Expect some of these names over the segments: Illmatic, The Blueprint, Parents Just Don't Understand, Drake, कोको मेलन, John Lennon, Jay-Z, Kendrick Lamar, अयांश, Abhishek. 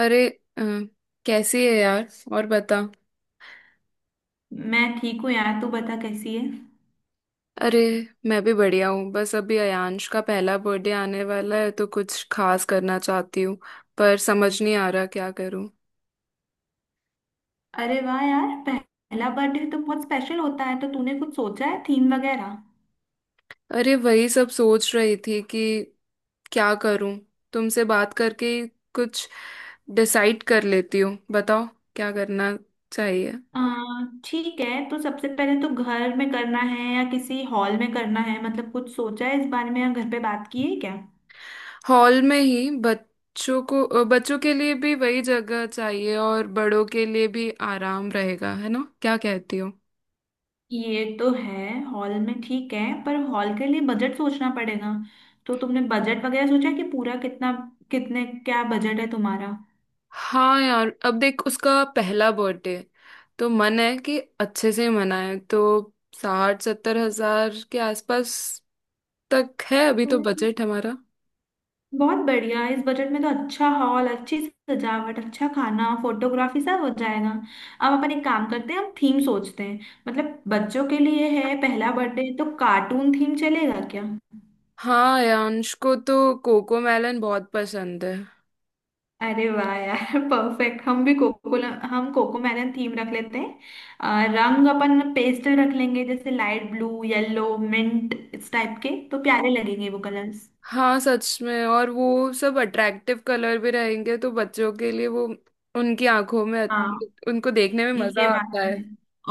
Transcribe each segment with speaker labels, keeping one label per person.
Speaker 1: अरे। अ, कैसी है यार? और बता।
Speaker 2: मैं ठीक हूँ यार। तू बता, कैसी है?
Speaker 1: अरे, मैं भी बढ़िया हूँ। बस अभी अयांश का पहला बर्थडे आने वाला है तो कुछ खास करना चाहती हूँ, पर समझ नहीं आ रहा क्या करूँ।
Speaker 2: अरे वाह यार, पहला बर्थडे तो बहुत स्पेशल होता है। तो तूने कुछ सोचा है, थीम वगैरह?
Speaker 1: अरे, वही सब सोच रही थी कि क्या करूँ। तुमसे बात करके ही कुछ डिसाइड कर लेती हूँ, बताओ क्या करना चाहिए।
Speaker 2: आ, ठीक है। तो सबसे पहले तो घर में करना है या किसी हॉल में करना है? मतलब कुछ सोचा है इस बारे में, या घर पे बात की है क्या?
Speaker 1: हॉल में ही बच्चों को बच्चों के लिए भी वही जगह चाहिए, और बड़ों के लिए भी आराम रहेगा, है ना? क्या कहती हो?
Speaker 2: ये तो है। हॉल में ठीक है, पर हॉल के लिए बजट सोचना पड़ेगा। तो तुमने बजट वगैरह सोचा है कि पूरा कितना, कितने, क्या बजट है तुम्हारा?
Speaker 1: हाँ यार, अब देख, उसका पहला बर्थडे तो मन है कि अच्छे से मनाए, तो 60-70 हज़ार के आसपास तक है अभी तो बजट हमारा।
Speaker 2: बहुत बढ़िया। इस बजट में तो अच्छा हॉल, अच्छी सजावट, अच्छा खाना, फोटोग्राफी सब हो जाएगा। अब अपन एक काम करते हैं, हम थीम सोचते हैं। मतलब बच्चों के लिए है पहला बर्थडे, तो कार्टून थीम चलेगा क्या?
Speaker 1: हाँ, यांश को तो कोको मेलन बहुत पसंद है।
Speaker 2: अरे वाह यार परफेक्ट। हम कोको मैलन थीम रख लेते हैं। रंग अपन पेस्टल रख लेंगे, जैसे लाइट ब्लू, येलो, मिंट, इस टाइप के तो प्यारे लगेंगे वो कलर्स।
Speaker 1: हाँ सच में, और वो सब अट्रैक्टिव कलर भी रहेंगे तो बच्चों के लिए वो, उनकी आंखों में, उनको देखने में
Speaker 2: ये
Speaker 1: मजा
Speaker 2: बात
Speaker 1: आता है।
Speaker 2: है।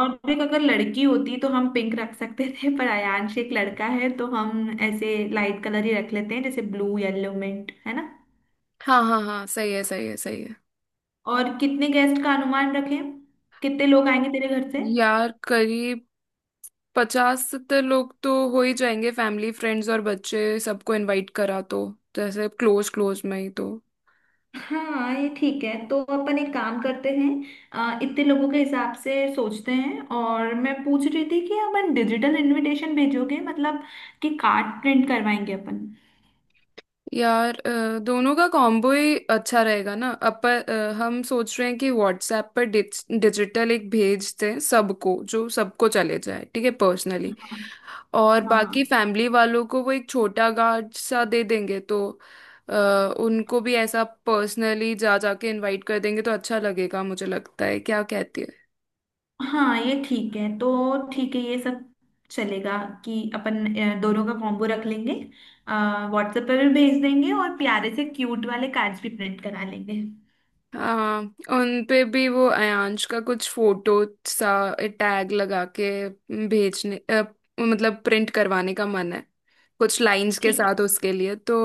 Speaker 2: और देख, अगर लड़की होती तो हम पिंक रख सकते थे, पर आयांश एक लड़का है, तो हम ऐसे लाइट कलर ही रख लेते हैं जैसे ब्लू, येलो, मिंट, है ना?
Speaker 1: हाँ हाँ हाँ, सही है सही है सही है।
Speaker 2: और कितने गेस्ट का अनुमान रखें? कितने लोग आएंगे तेरे घर से?
Speaker 1: यार करीब 50-70 लोग तो हो ही जाएंगे। फैमिली फ्रेंड्स और बच्चे सबको इनवाइट करा, तो जैसे क्लोज क्लोज में ही तो।
Speaker 2: हाँ, ये ठीक है। तो अपन एक काम करते हैं, इतने लोगों के हिसाब से सोचते हैं। और मैं पूछ रही थी कि अपन डिजिटल इनविटेशन भेजोगे, मतलब कि कार्ड प्रिंट करवाएंगे अपन?
Speaker 1: यार दोनों का कॉम्बो ही अच्छा रहेगा ना अपन। हम सोच रहे हैं कि व्हाट्सएप पर डिजिटल एक भेज दें सबको, जो सबको चले जाए, ठीक है पर्सनली।
Speaker 2: हाँ।
Speaker 1: और
Speaker 2: हाँ।
Speaker 1: बाकी
Speaker 2: हाँ,
Speaker 1: फैमिली वालों को वो एक छोटा कार्ड सा दे देंगे, तो अ, उनको भी ऐसा पर्सनली जा जाके इनवाइट कर देंगे तो अच्छा लगेगा, मुझे लगता है, क्या कहती है?
Speaker 2: हाँ, ये ठीक है। तो ठीक है, ये सब चलेगा कि अपन दोनों का कॉम्बो रख लेंगे। व्हाट्सएप पर भी भेज देंगे और प्यारे से क्यूट वाले कार्ड्स भी प्रिंट करा लेंगे।
Speaker 1: हाँ, उन पे भी वो अयांश का कुछ फोटो सा टैग लगा के भेजने मतलब प्रिंट करवाने का मन है, कुछ लाइंस के
Speaker 2: ठीक
Speaker 1: साथ उसके लिए, तो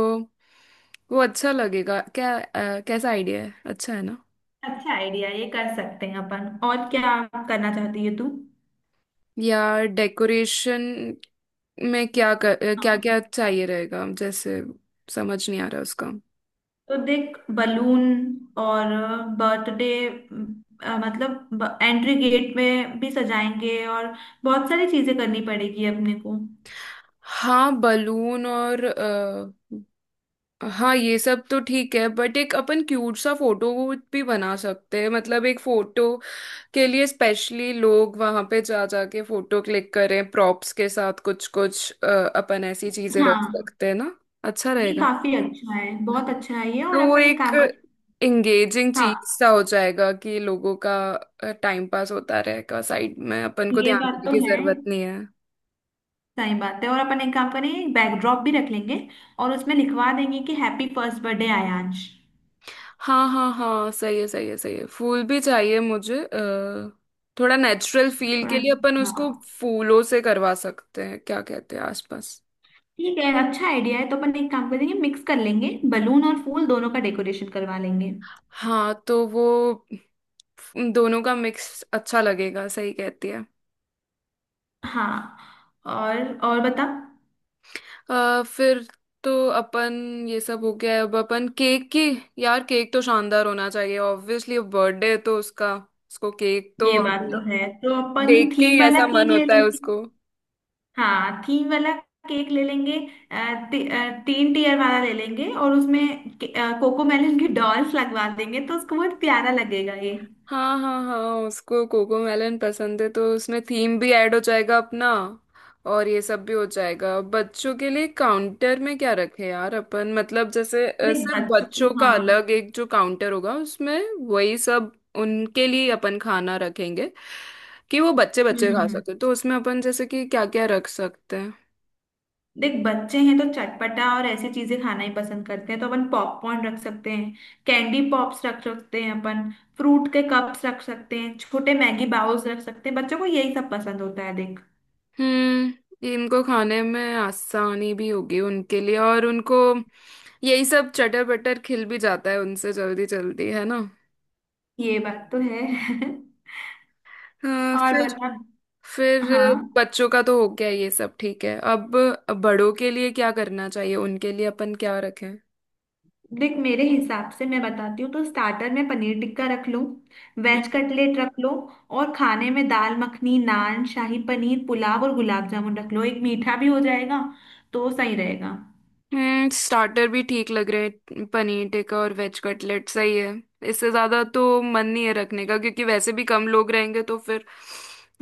Speaker 1: वो अच्छा लगेगा क्या? कैसा आइडिया है, अच्छा है ना?
Speaker 2: है, अच्छा आइडिया। ये कर सकते हैं अपन। और क्या करना चाहती है तू?
Speaker 1: या डेकोरेशन में क्या
Speaker 2: हाँ,
Speaker 1: क्या चाहिए रहेगा जैसे, समझ नहीं आ रहा उसका।
Speaker 2: तो देख बलून और बर्थडे मतलब एंट्री गेट में भी सजाएंगे, और बहुत सारी चीजें करनी पड़ेगी अपने को।
Speaker 1: हाँ बलून और हाँ ये सब तो ठीक है, बट एक अपन क्यूट सा फोटो भी बना सकते हैं, मतलब एक फोटो के लिए स्पेशली लोग वहां पे जा जाके फोटो क्लिक करें प्रॉप्स के साथ। कुछ कुछ अपन ऐसी चीजें रख
Speaker 2: हाँ,
Speaker 1: सकते हैं ना, अच्छा
Speaker 2: ये
Speaker 1: रहेगा।
Speaker 2: काफी अच्छा है। बहुत अच्छा है ये। और
Speaker 1: तो वो
Speaker 2: अपन एक
Speaker 1: एक
Speaker 2: काम करें।
Speaker 1: एंगेजिंग चीज
Speaker 2: हाँ।
Speaker 1: सा हो जाएगा कि लोगों का टाइम पास होता रहेगा, साइड में अपन को
Speaker 2: ये
Speaker 1: ध्यान
Speaker 2: बात
Speaker 1: देने
Speaker 2: तो
Speaker 1: की
Speaker 2: है।
Speaker 1: जरूरत नहीं है।
Speaker 2: सही बात है। और अपन एक काम करें, बैकड्रॉप भी रख लेंगे, और उसमें लिखवा देंगे कि हैप्पी फर्स्ट बर्थडे आयांश।
Speaker 1: हाँ हाँ हाँ, सही है सही है सही है। फूल भी चाहिए मुझे, थोड़ा नेचुरल फील
Speaker 2: थोड़ा।
Speaker 1: के लिए अपन उसको
Speaker 2: हाँ।
Speaker 1: फूलों से करवा सकते हैं, क्या कहते हैं आसपास?
Speaker 2: ठीक है, अच्छा आइडिया है। तो अपन एक काम करेंगे, मिक्स कर लेंगे, बलून और फूल दोनों का डेकोरेशन करवा लेंगे।
Speaker 1: हाँ तो वो दोनों का मिक्स अच्छा लगेगा, सही कहती है।
Speaker 2: हाँ। और और बता।
Speaker 1: फिर तो अपन, ये सब हो गया है, अब अपन केक की। यार केक तो शानदार होना चाहिए ऑब्वियसली, बर्थडे है तो उसका। उसको केक तो
Speaker 2: ये बात
Speaker 1: अभी
Speaker 2: तो है, तो अपन
Speaker 1: देख के ही
Speaker 2: थीम वाला
Speaker 1: ऐसा
Speaker 2: केक
Speaker 1: मन
Speaker 2: ले
Speaker 1: होता है
Speaker 2: लेंगे।
Speaker 1: उसको।
Speaker 2: हाँ, थीम वाला केक ले लेंगे। 3 टीयर वाला ले लेंगे और उसमें कोको मेलन की डॉल्स लगवा देंगे, तो उसको बहुत प्यारा लगेगा ये।
Speaker 1: हाँ हाँ हाँ, उसको कोको मेलन पसंद है तो उसमें थीम भी ऐड हो जाएगा अपना, और ये सब भी हो जाएगा। बच्चों के लिए काउंटर में क्या रखें यार अपन, मतलब जैसे
Speaker 2: देख
Speaker 1: सिर्फ
Speaker 2: बच्चों को,
Speaker 1: बच्चों का
Speaker 2: हाँ।
Speaker 1: अलग एक जो काउंटर होगा उसमें वही सब उनके लिए अपन खाना रखेंगे, कि वो बच्चे
Speaker 2: हम्म
Speaker 1: बच्चे
Speaker 2: हम्म
Speaker 1: खा
Speaker 2: हम्म।
Speaker 1: सकते, तो उसमें अपन जैसे कि क्या क्या रख सकते हैं?
Speaker 2: देख, बच्चे हैं तो चटपटा और ऐसी चीजें खाना ही पसंद करते हैं, तो अपन पॉपकॉर्न रख सकते हैं, कैंडी पॉप्स रख सकते हैं अपन, फ्रूट के कप्स रख सकते हैं, छोटे मैगी बाउल्स रख सकते हैं। बच्चों को यही सब पसंद होता है, देख।
Speaker 1: हम्म, इनको खाने में आसानी भी होगी उनके लिए, और उनको यही सब चटर बटर खिल भी जाता है उनसे जल्दी जल्दी, है ना?
Speaker 2: ये बात तो है
Speaker 1: हाँ,
Speaker 2: और
Speaker 1: फिर।
Speaker 2: बता।
Speaker 1: फिर
Speaker 2: हाँ,
Speaker 1: बच्चों का तो हो गया ये सब, ठीक है। अब बड़ों के लिए क्या करना चाहिए, उनके लिए अपन क्या रखें?
Speaker 2: देख, मेरे हिसाब से मैं बताती हूँ, तो स्टार्टर में पनीर टिक्का रख लो, वेज कटलेट रख लो, और खाने में दाल मखनी, नान, शाही पनीर, पुलाव और गुलाब जामुन रख लो, एक मीठा भी हो जाएगा, तो सही रहेगा।
Speaker 1: हम्म, स्टार्टर भी ठीक लग रहे हैं, पनीर टिक्का और वेज कटलेट सही है। इससे ज्यादा तो मन नहीं है रखने का, क्योंकि वैसे भी कम लोग रहेंगे, तो फिर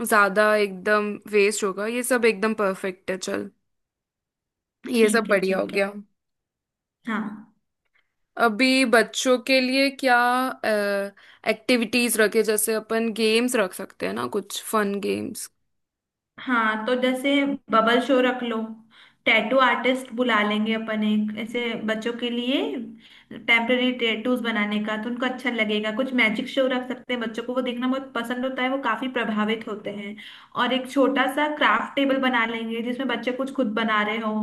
Speaker 1: ज्यादा एकदम वेस्ट होगा। ये सब एकदम परफेक्ट है, चल। ये सब
Speaker 2: ठीक है,
Speaker 1: बढ़िया हो
Speaker 2: ठीक है।
Speaker 1: गया।
Speaker 2: हाँ,
Speaker 1: अभी बच्चों के लिए क्या एक्टिविटीज रखे, जैसे अपन गेम्स रख सकते हैं ना, कुछ फन गेम्स।
Speaker 2: हाँ, तो जैसे बबल शो रख लो, टैटू आर्टिस्ट बुला लेंगे अपन एक ऐसे, बच्चों के लिए टेम्पररी टैटूज बनाने का, तो उनको अच्छा लगेगा। कुछ मैजिक शो रख सकते हैं, बच्चों को वो देखना बहुत पसंद होता है, वो काफी प्रभावित होते हैं। और एक छोटा सा क्राफ्ट टेबल बना लेंगे, जिसमें बच्चे कुछ खुद बना रहे हो,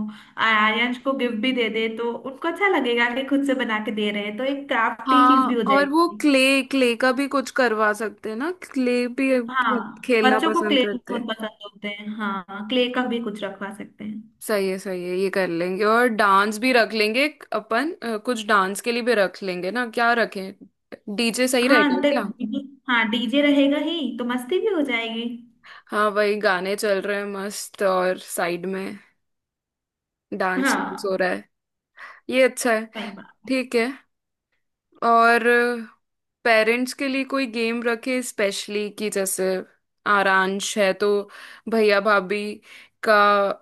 Speaker 2: आर्यन को गिफ्ट भी दे दे, तो उनको अच्छा लगेगा कि खुद से बना के दे रहे हैं, तो एक क्राफ्टी चीज भी
Speaker 1: हाँ,
Speaker 2: हो
Speaker 1: और वो
Speaker 2: जाएगी।
Speaker 1: क्ले क्ले का भी कुछ करवा सकते हैं ना? क्ले भी
Speaker 2: हाँ,
Speaker 1: बहुत खेलना
Speaker 2: बच्चों को
Speaker 1: पसंद
Speaker 2: क्ले
Speaker 1: करते हैं।
Speaker 2: बहुत पसंद होते हैं। हाँ, क्ले का भी कुछ रखवा सकते हैं।
Speaker 1: सही है सही है, ये कर लेंगे। और डांस भी रख लेंगे अपन। कुछ डांस के लिए भी रख लेंगे ना, क्या रखें? डीजे सही
Speaker 2: हाँ,
Speaker 1: रहेगा
Speaker 2: तो
Speaker 1: क्या?
Speaker 2: डीजे, हाँ डीजे रहेगा ही, तो मस्ती भी हो जाएगी।
Speaker 1: हाँ, वही गाने चल रहे हैं मस्त, और साइड में डांस हो
Speaker 2: हाँ।
Speaker 1: रहा है, ये अच्छा है।
Speaker 2: सही बात।
Speaker 1: ठीक है। और पेरेंट्स के लिए कोई गेम रखे स्पेशली, कि जैसे आरांश है तो भैया भाभी का,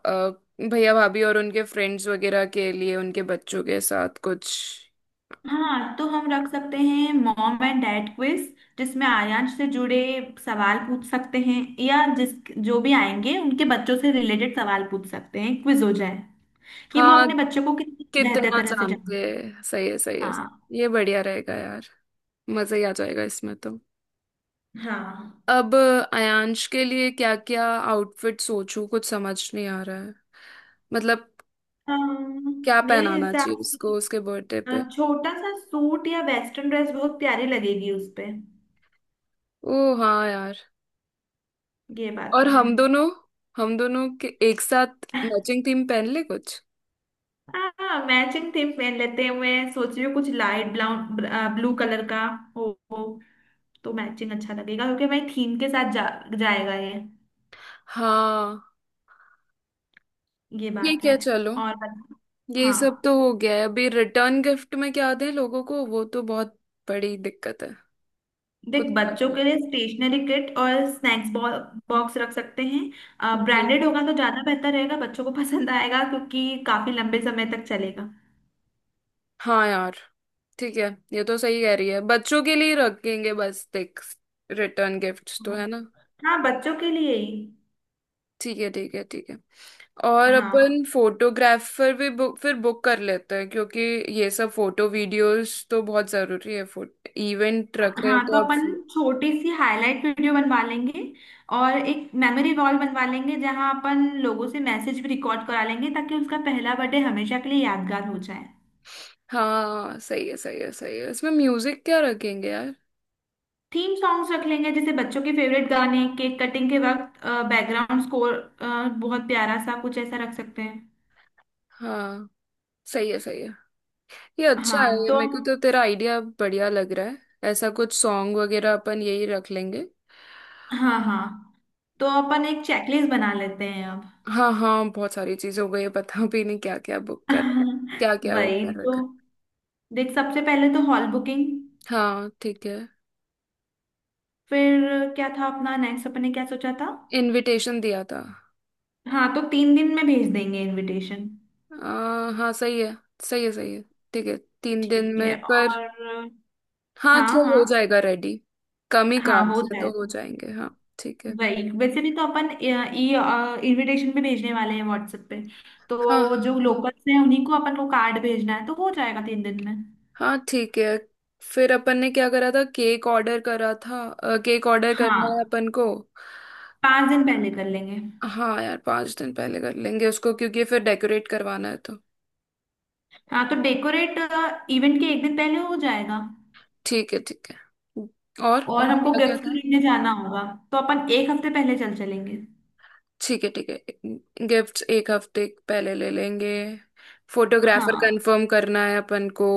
Speaker 1: अ, भैया भाभी और उनके फ्रेंड्स वगैरह के लिए, उनके बच्चों के साथ कुछ।
Speaker 2: हाँ, तो हम रख सकते हैं मॉम एंड डैड क्विज, जिसमें आर्यांश से जुड़े सवाल पूछ सकते हैं, या जिस जो भी आएंगे उनके बच्चों से रिलेटेड सवाल पूछ सकते हैं, क्विज हो जाए, कि वो
Speaker 1: हाँ,
Speaker 2: अपने बच्चों को कितनी बेहतर
Speaker 1: कितना
Speaker 2: तरह से जाने।
Speaker 1: जानते हैं, सही है सही है।
Speaker 2: हाँ।
Speaker 1: ये बढ़िया रहेगा यार, मजा ही आ जाएगा इसमें तो।
Speaker 2: हाँ।
Speaker 1: अब आयांश के लिए क्या क्या आउटफिट सोचूं, कुछ समझ नहीं आ रहा है, मतलब क्या
Speaker 2: मेरे
Speaker 1: पहनाना चाहिए
Speaker 2: हिसाब से
Speaker 1: उसको उसके बर्थडे पे?
Speaker 2: छोटा सा सूट या वेस्टर्न ड्रेस बहुत प्यारी लगेगी उस पे।
Speaker 1: ओ हाँ यार,
Speaker 2: ये बात
Speaker 1: और
Speaker 2: तो
Speaker 1: हम दोनों के एक साथ
Speaker 2: है।
Speaker 1: मैचिंग थीम पहन ले कुछ।
Speaker 2: हाँ, मैचिंग थीम पहन लेते हैं। मैं सोच रही हूँ कुछ लाइट ब्राउन, ब्लू कलर का हो, तो मैचिंग अच्छा लगेगा, क्योंकि मैं थीम के साथ जाएगा ये।
Speaker 1: हाँ
Speaker 2: ये बात
Speaker 1: ठीक
Speaker 2: है।
Speaker 1: है, चलो।
Speaker 2: और बत-
Speaker 1: ये सब तो
Speaker 2: हाँ,
Speaker 1: हो गया है। अभी रिटर्न गिफ्ट में क्या दें लोगों को, वो तो बहुत बड़ी दिक्कत है,
Speaker 2: देख,
Speaker 1: कुछ समझ
Speaker 2: बच्चों
Speaker 1: नहीं।
Speaker 2: के लिए स्टेशनरी किट और स्नैक्स बॉक्स रख सकते हैं,
Speaker 1: हम्म।
Speaker 2: ब्रांडेड होगा तो ज्यादा बेहतर रहेगा, बच्चों को पसंद आएगा, क्योंकि काफी लंबे समय तक चलेगा।
Speaker 1: हाँ यार, ठीक है, ये तो सही कह रही है, बच्चों के लिए रखेंगे बस। देख, रिटर्न गिफ्ट्स तो है ना।
Speaker 2: हाँ, बच्चों के लिए ही।
Speaker 1: ठीक है ठीक है ठीक है। और
Speaker 2: हाँ,
Speaker 1: अपन फोटोग्राफर भी बुक कर लेते हैं, क्योंकि ये सब फोटो वीडियोस तो बहुत जरूरी है, फोटो इवेंट रख रहे हैं
Speaker 2: हाँ, तो
Speaker 1: तो अब।
Speaker 2: अपन छोटी सी हाईलाइट वीडियो बनवा लेंगे, और एक मेमोरी वॉल बनवा लेंगे, जहाँ अपन लोगों से मैसेज भी रिकॉर्ड करा लेंगे, ताकि उसका पहला बर्थडे हमेशा के लिए यादगार हो जाए।
Speaker 1: हाँ सही है सही है सही है। इसमें म्यूजिक क्या रखेंगे यार?
Speaker 2: थीम सॉन्ग्स रख लेंगे, जैसे बच्चों के फेवरेट गाने, केक कटिंग के वक्त बैकग्राउंड स्कोर बहुत प्यारा सा, कुछ ऐसा रख सकते हैं।
Speaker 1: हाँ सही है सही है, ये अच्छा है।
Speaker 2: हाँ
Speaker 1: ये
Speaker 2: तो,
Speaker 1: मेरे को तो तेरा आइडिया बढ़िया लग रहा है। ऐसा कुछ सॉन्ग वगैरह अपन यही रख लेंगे।
Speaker 2: हाँ, हाँ, तो अपन एक चेकलिस्ट बना लेते हैं अब।
Speaker 1: हाँ हाँ, बहुत सारी चीज हो गई है, पता भी नहीं क्या क्या बुक कर, क्या क्या वो
Speaker 2: वही
Speaker 1: कर
Speaker 2: तो।
Speaker 1: रखा
Speaker 2: देख, सबसे पहले तो हॉल बुकिंग।
Speaker 1: है। हाँ ठीक है।
Speaker 2: फिर क्या था अपना नेक्स्ट, अपन ने क्या सोचा था?
Speaker 1: इनविटेशन दिया था।
Speaker 2: हाँ, तो 3 दिन में भेज देंगे इनविटेशन।
Speaker 1: हाँ सही है सही है सही है, ठीक है। 3 दिन
Speaker 2: ठीक
Speaker 1: में,
Speaker 2: है
Speaker 1: पर
Speaker 2: और,
Speaker 1: हाँ,
Speaker 2: हाँ,
Speaker 1: चल
Speaker 2: हाँ,
Speaker 1: हो जाएगा रेडी, कम ही
Speaker 2: हाँ, हो
Speaker 1: कार्ड्स है तो हो
Speaker 2: जाएगा।
Speaker 1: जाएंगे। हाँ ठीक है।
Speaker 2: वही, वैसे भी तो अपन ई इनविटेशन भी भेजने वाले हैं व्हाट्सएप पे,
Speaker 1: हाँ
Speaker 2: तो
Speaker 1: हाँ
Speaker 2: जो
Speaker 1: हाँ
Speaker 2: लोकल्स हैं उन्हीं को अपन को कार्ड भेजना है, तो हो जाएगा 3 दिन में।
Speaker 1: हाँ ठीक है। फिर अपन ने क्या करा था, केक ऑर्डर करा था, केक ऑर्डर करना है
Speaker 2: हाँ,
Speaker 1: अपन को।
Speaker 2: 5 दिन पहले कर लेंगे।
Speaker 1: हाँ यार, 5 दिन पहले कर लेंगे उसको, क्योंकि फिर डेकोरेट करवाना है तो।
Speaker 2: हाँ, तो डेकोरेट इवेंट के एक दिन पहले हो जाएगा।
Speaker 1: ठीक है ठीक है।
Speaker 2: और
Speaker 1: और
Speaker 2: हमको
Speaker 1: क्या क्या?
Speaker 2: गिफ्ट खरीदने जाना होगा, तो अपन एक हफ्ते पहले चल चलेंगे।
Speaker 1: ठीक है ठीक है, गिफ्ट्स एक हफ्ते पहले ले लेंगे। फोटोग्राफर
Speaker 2: हाँ।
Speaker 1: कंफर्म करना है अपन को।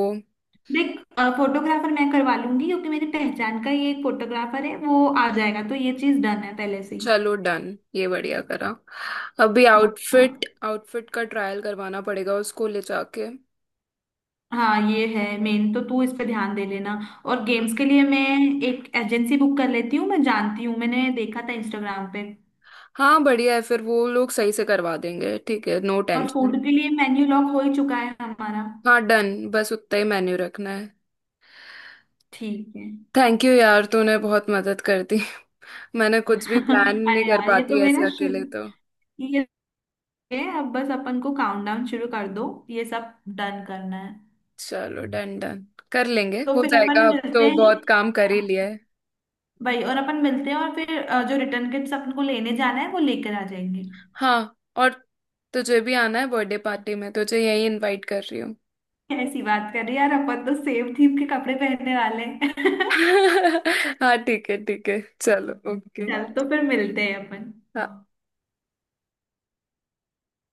Speaker 2: देख, फोटोग्राफर मैं करवा लूंगी, क्योंकि मेरी पहचान का ये एक फोटोग्राफर है, वो आ जाएगा, तो ये चीज डन है पहले से ही।
Speaker 1: चलो डन, ये बढ़िया करा। अभी
Speaker 2: हाँ।
Speaker 1: आउटफिट आउटफिट का ट्रायल करवाना पड़ेगा उसको ले जाके।
Speaker 2: हाँ, ये है मेन, तो तू इस पे ध्यान दे लेना। और गेम्स के लिए मैं एक एजेंसी बुक कर लेती हूँ, मैं जानती हूँ, मैंने देखा था इंस्टाग्राम पे।
Speaker 1: हाँ बढ़िया है, फिर वो लोग सही से करवा देंगे, ठीक है, नो
Speaker 2: और फूड
Speaker 1: टेंशन।
Speaker 2: के लिए मेन्यू लॉक हो ही चुका है हमारा।
Speaker 1: हाँ डन, बस उतना ही मेन्यू रखना है।
Speaker 2: ठीक है।
Speaker 1: थैंक यू यार, तूने बहुत मदद कर दी। मैंने कुछ भी प्लान नहीं
Speaker 2: अरे
Speaker 1: कर
Speaker 2: यार, ये तो
Speaker 1: पाती ऐसे
Speaker 2: मेरा
Speaker 1: अकेले
Speaker 2: शुरू
Speaker 1: तो।
Speaker 2: ये है। अब बस अपन को काउंटडाउन शुरू कर दो, ये सब डन करना है।
Speaker 1: चलो डन डन, कर लेंगे,
Speaker 2: तो
Speaker 1: हो
Speaker 2: फिर अपन
Speaker 1: जाएगा, अब
Speaker 2: मिलते
Speaker 1: तो
Speaker 2: हैं
Speaker 1: बहुत काम कर ही लिया है।
Speaker 2: भाई, और अपन मिलते हैं, और फिर जो रिटर्न किट्स अपन को लेने जाना है वो लेकर आ जाएंगे।
Speaker 1: हाँ, और तुझे भी आना है बर्थडे पार्टी में, तुझे यही इनवाइट कर रही हूँ।
Speaker 2: ऐसी बात कर रही यार, अपन तो सेम थीम के कपड़े पहनने वाले हैं
Speaker 1: हाँ ठीक है ठीक है, चलो ओके।
Speaker 2: चल, तो फिर मिलते हैं अपन।
Speaker 1: हाँ।